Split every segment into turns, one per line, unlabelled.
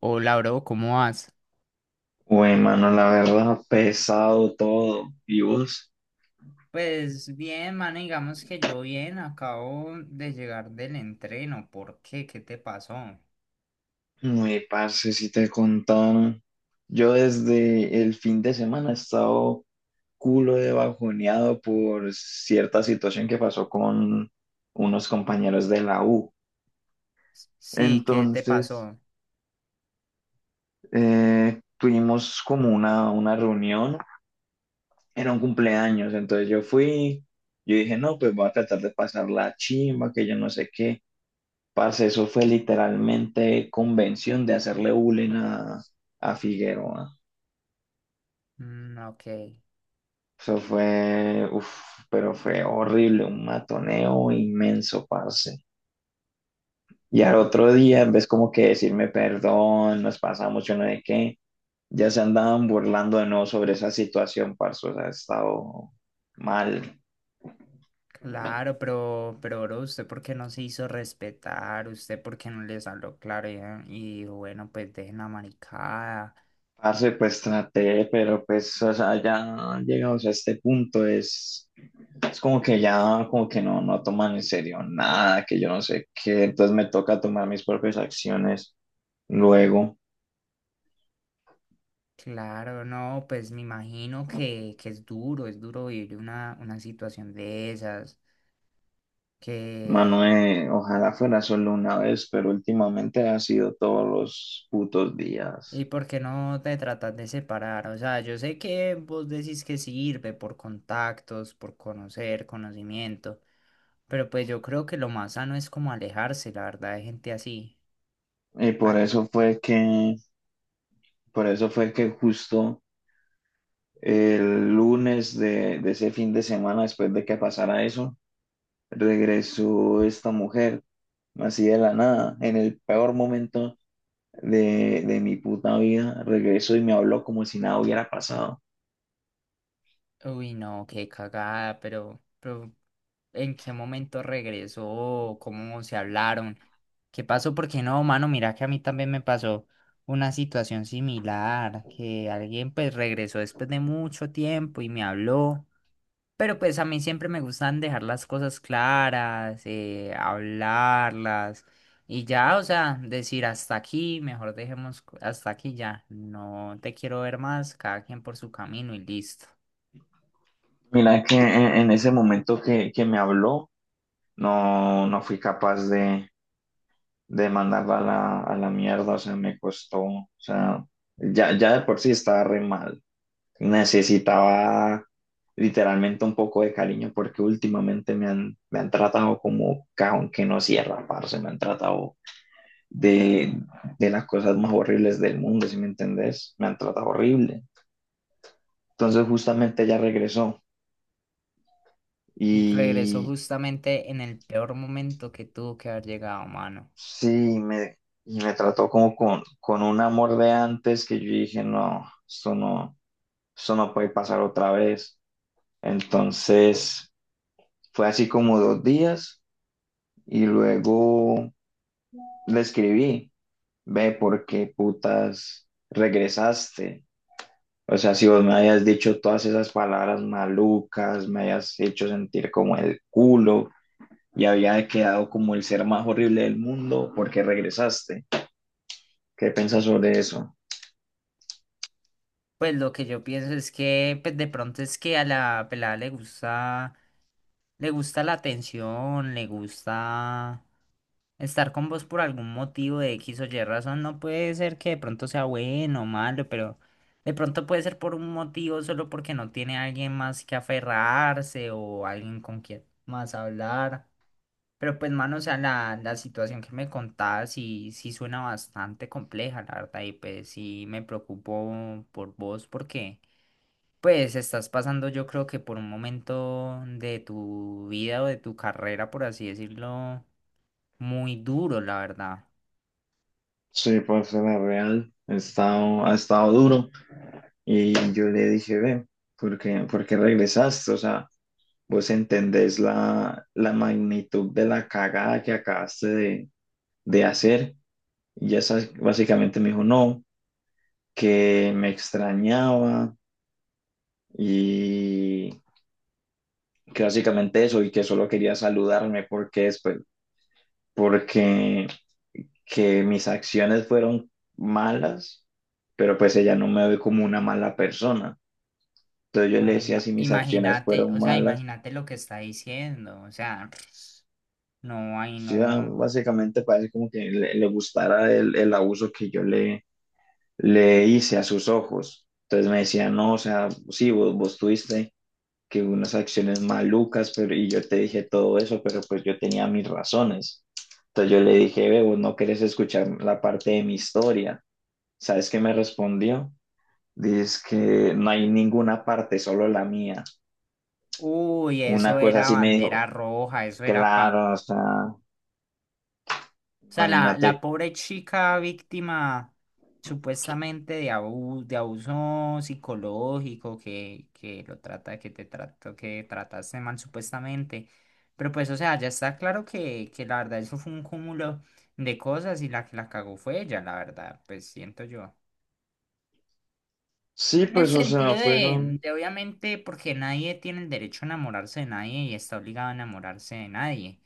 Hola, bro, ¿cómo vas?
Güey, mano, la verdad, pesado todo. ¿Y vos?
Pues bien, mano, digamos que yo bien, acabo de llegar del entreno. ¿Por qué? ¿Qué te pasó?
Muy parce, si te contaron. Yo desde el fin de semana he estado culo de bajoneado por cierta situación que pasó con unos compañeros de la U.
Sí, ¿qué te
Entonces,
pasó?
tuvimos como una reunión, era un cumpleaños, entonces yo fui, yo dije, no, pues voy a tratar de pasar la chimba, que yo no sé qué. Parce, eso fue literalmente convención de hacerle bullying a Figueroa.
Mm, ok.
Eso fue, uff, pero fue horrible, un matoneo inmenso, parce. Y al
U-
otro día, en vez como que decirme perdón, nos pasamos, yo no sé qué, ya se andaban burlando de nuevo sobre esa situación, parce, o sea, ha estado mal.
Claro, pero, bro, ¿usted por qué no se hizo respetar? ¿Usted por qué no les habló claro? Y dijo, bueno, pues dejen la maricada.
Parce, pues traté, pero pues, o sea, ya llegamos a este punto, es como que ya, como que no toman en serio nada, que yo no sé qué, entonces me toca tomar mis propias acciones luego.
Claro, no, pues me imagino que es duro vivir una situación de esas. Que
Manuel, ojalá fuera solo una vez, pero últimamente ha sido todos los putos
¿Y
días.
por qué no te tratas de separar? O sea, yo sé que vos decís que sirve por contactos, por conocer, conocimiento, pero pues yo creo que lo más sano es como alejarse, la verdad, de gente así.
Y por
Ah,
eso fue que, por eso fue que justo el lunes de ese fin de semana, después de que pasara eso, regresó esta mujer, así de la nada, en el peor momento de mi puta vida. Regreso y me habló como si nada hubiera pasado.
uy, no, qué cagada, pero ¿en qué momento regresó? ¿Cómo se hablaron? ¿Qué pasó? Porque no, mano, mira que a mí también me pasó una situación similar, que alguien pues regresó después de mucho tiempo y me habló. Pero pues a mí siempre me gustan dejar las cosas claras, hablarlas y ya, o sea, decir hasta aquí, mejor dejemos hasta aquí ya, no te quiero ver más, cada quien por su camino y listo.
Mira es que en ese momento que me habló, no fui capaz de mandarla a a la mierda, o sea, me costó, o sea, ya de por sí estaba re mal. Necesitaba literalmente un poco de cariño porque últimamente me han tratado como cajón que no cierra, parce, me han tratado de, de las cosas más horribles del mundo, si me entendés, me han tratado horrible. Entonces justamente ella regresó
Y regresó
y
justamente en el peor momento que tuvo que haber llegado, mano.
sí, me, y me trató como con un amor de antes que yo dije, no, esto no puede pasar otra vez. Entonces fue así como dos días y luego le escribí, ve, ¿por qué putas regresaste? O sea, si vos me habías dicho todas esas palabras malucas, me habías hecho sentir como el culo y había quedado como el ser más horrible del mundo porque regresaste. ¿Qué piensas sobre eso?
Pues lo que yo pienso es que pues de pronto es que a la pelada le gusta la atención, le gusta. Estar con vos por algún motivo de X o Y razón no puede ser que de pronto sea bueno o malo, pero de pronto puede ser por un motivo solo porque no tiene alguien más que aferrarse o alguien con quien más hablar. Pero pues, mano, o sea, la situación que me contás sí, sí suena bastante compleja, la verdad, y pues sí me preocupo por vos porque pues estás pasando yo creo que por un momento de tu vida o de tu carrera, por así decirlo, muy duro, la verdad.
Sí, pues la real ha estado duro y yo le dije, ve, ¿por qué regresaste? O sea, vos entendés la, la magnitud de la cagada que acabaste de hacer. Y ya sabes, básicamente me dijo, no, que me extrañaba y que básicamente eso y que solo quería saludarme porque después, porque que mis acciones fueron malas, pero pues ella no me ve como una mala persona. Entonces yo le
Ah,
decía si mis acciones
imagínate, o
fueron
sea,
malas.
imagínate lo que está diciendo, o sea, no, ay,
Sí, ah,
no.
básicamente parece como que le gustara el abuso que yo le hice a sus ojos. Entonces me decía, no, o sea, sí, vos tuviste que unas acciones malucas, pero y yo te dije todo eso, pero pues yo tenía mis razones. Entonces yo le dije, ve, vos no querés escuchar la parte de mi historia. ¿Sabes qué me respondió? Dice que no hay ninguna parte, solo la mía.
Uy,
Una
eso
cosa
era
así me
bandera
dijo,
roja, eso era pa.
claro, o sea,
O sea, la
imagínate.
pobre chica víctima supuestamente de de abuso psicológico, que lo trata, que te trató, que trataste mal supuestamente. Pero pues, o sea, ya está claro que la verdad eso fue un cúmulo de cosas y la que la cagó fue ella, la verdad, pues siento yo. No.
Sí,
En el
pues, o
sentido
sea,
de,
fueron.
de, obviamente, porque nadie tiene el derecho a enamorarse de nadie y está obligado a enamorarse de nadie,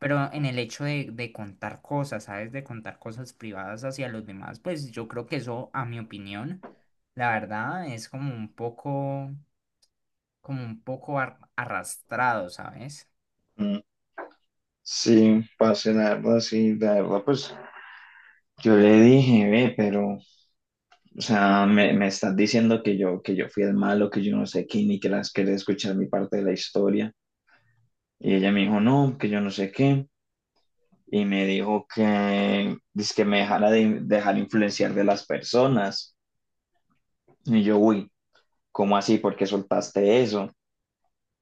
pero en el hecho de contar cosas, ¿sabes? De contar cosas privadas hacia los demás, pues yo creo que eso, a mi opinión, la verdad, es como un poco arrastrado, ¿sabes?
mm, Sí, pasé la verdad, sí, la verdad, pues yo le dije, ve, pero, o sea, me estás diciendo que yo fui el malo, que yo no sé qué, ni que las quería escuchar mi parte de la historia. Y ella me dijo, no, que yo no sé qué. Y me dijo que, dice que me dejara de dejar influenciar de las personas. Y yo, uy. ¿Cómo así? ¿Por qué soltaste eso?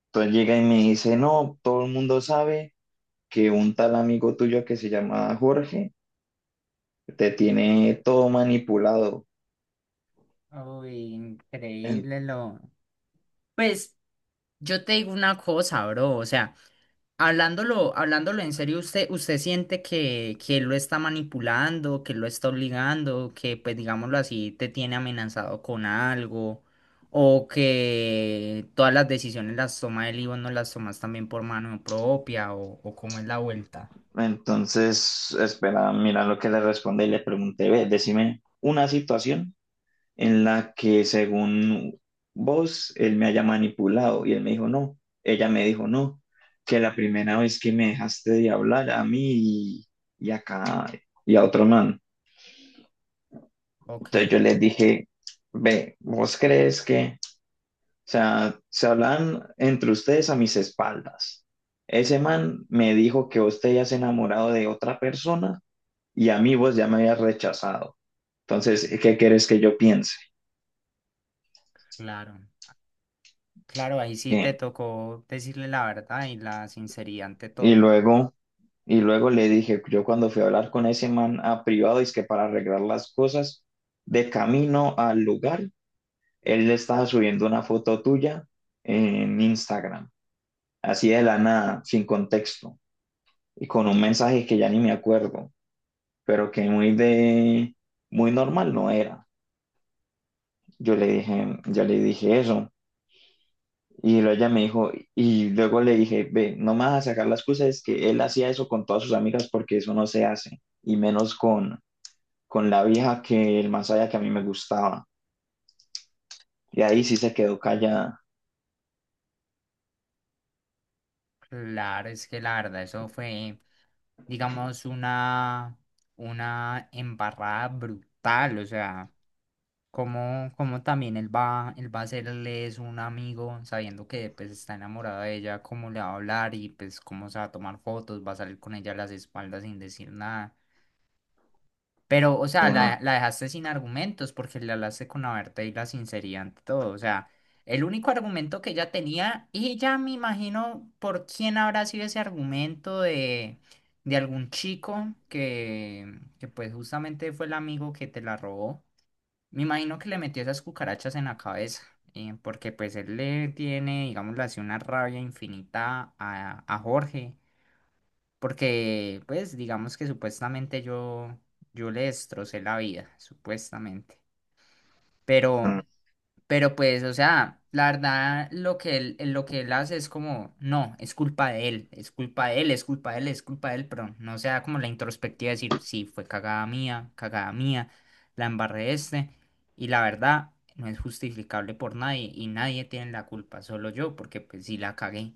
Entonces llega y me dice, no, todo el mundo sabe que un tal amigo tuyo que se llama Jorge te tiene todo manipulado.
Uy,
En-
increíble lo. Pues yo te digo una cosa, bro, o sea. Hablándolo, hablándolo en serio, ¿usted, usted siente que él lo está manipulando, que lo está obligando, que pues digámoslo así, te tiene amenazado con algo, o que todas las decisiones las toma él y vos no las tomas también por mano propia, o cómo es la vuelta?
entonces, espera, mira lo que le responde y le pregunté, ve, decime una situación en la que según vos él me haya manipulado y él me dijo no, ella me dijo no, que la primera vez que me dejaste de hablar a mí y acá y a otro man.
Ok,
Entonces yo les dije, ve, ¿vos crees que, o sea, se hablan entre ustedes a mis espaldas? Ese man me dijo que vos te hayas enamorado de otra persona y a mí vos ya me habías rechazado. Entonces, ¿qué quieres que yo piense?
claro, claro, ahí sí te
¿Qué?
tocó decirle la verdad y la sinceridad ante
Y
todo.
luego, y luego le dije, yo cuando fui a hablar con ese man a privado, es que para arreglar las cosas, de camino al lugar, él le estaba subiendo una foto tuya en Instagram, así de la nada, sin contexto, y con un mensaje que ya ni me acuerdo, pero que muy de, muy normal no era. Yo le dije, eso, y luego ella me dijo, y luego le dije, ve, no me vas a sacar la excusa, es que él hacía eso con todas sus amigas porque eso no se hace, y menos con la vieja que el más allá que a mí me gustaba. Y ahí sí se quedó callada.
Claro, es que la verdad, eso fue, digamos, una embarrada brutal. O sea, como, como también él va a hacerle eso a un amigo, sabiendo que pues está enamorado de ella, cómo le va a hablar y pues cómo se va a tomar fotos, va a salir con ella a las espaldas sin decir nada. Pero, o
Sí,
sea,
no,
la dejaste sin argumentos porque le hablaste con la verdad y la sinceridad ante todo. O sea, el único argumento que ella tenía, y ya me imagino por quién habrá sido ese argumento de algún chico que pues justamente fue el amigo que te la robó. Me imagino que le metió esas cucarachas en la cabeza, porque pues él le tiene, digámoslo así, una rabia infinita a Jorge. Porque, pues, digamos que supuestamente yo, yo le destrocé la vida, supuestamente. Pero,
no,
pero pues, o sea, la verdad, lo que él hace es como, no, es culpa de él, es culpa de él, es culpa de él, es culpa de él, pero no sea como la introspectiva de decir, sí, fue cagada mía, la embarré este. Y la verdad, no es justificable por nadie y nadie tiene la culpa, solo yo, porque pues sí la cagué.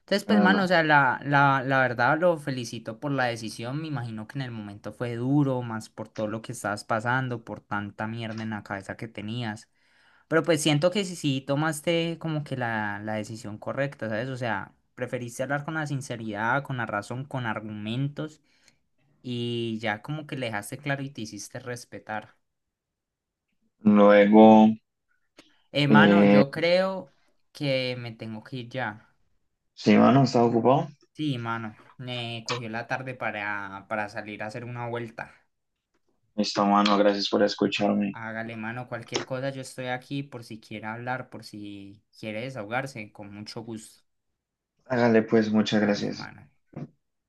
Entonces, pues,
no,
mano, o
no.
sea, la, la verdad lo felicito por la decisión. Me imagino que en el momento fue duro, más por todo lo que estabas pasando, por tanta mierda en la cabeza que tenías. Pero pues siento que sí, sí tomaste como que la decisión correcta, ¿sabes? O sea, preferiste hablar con la sinceridad, con la razón, con argumentos y ya como que le dejaste claro y te hiciste respetar.
Luego,
Mano,
eh,
yo creo que me tengo que ir ya.
sí, mano, ¿estás ocupado?
Sí, mano, me cogió la tarde para salir a hacer una vuelta.
Listo, mano, gracias por escucharme.
Hágale mano cualquier cosa, yo estoy aquí por si quiere hablar, por si quiere desahogarse, con mucho gusto.
Hágale pues, muchas
Hágale
gracias.
mano.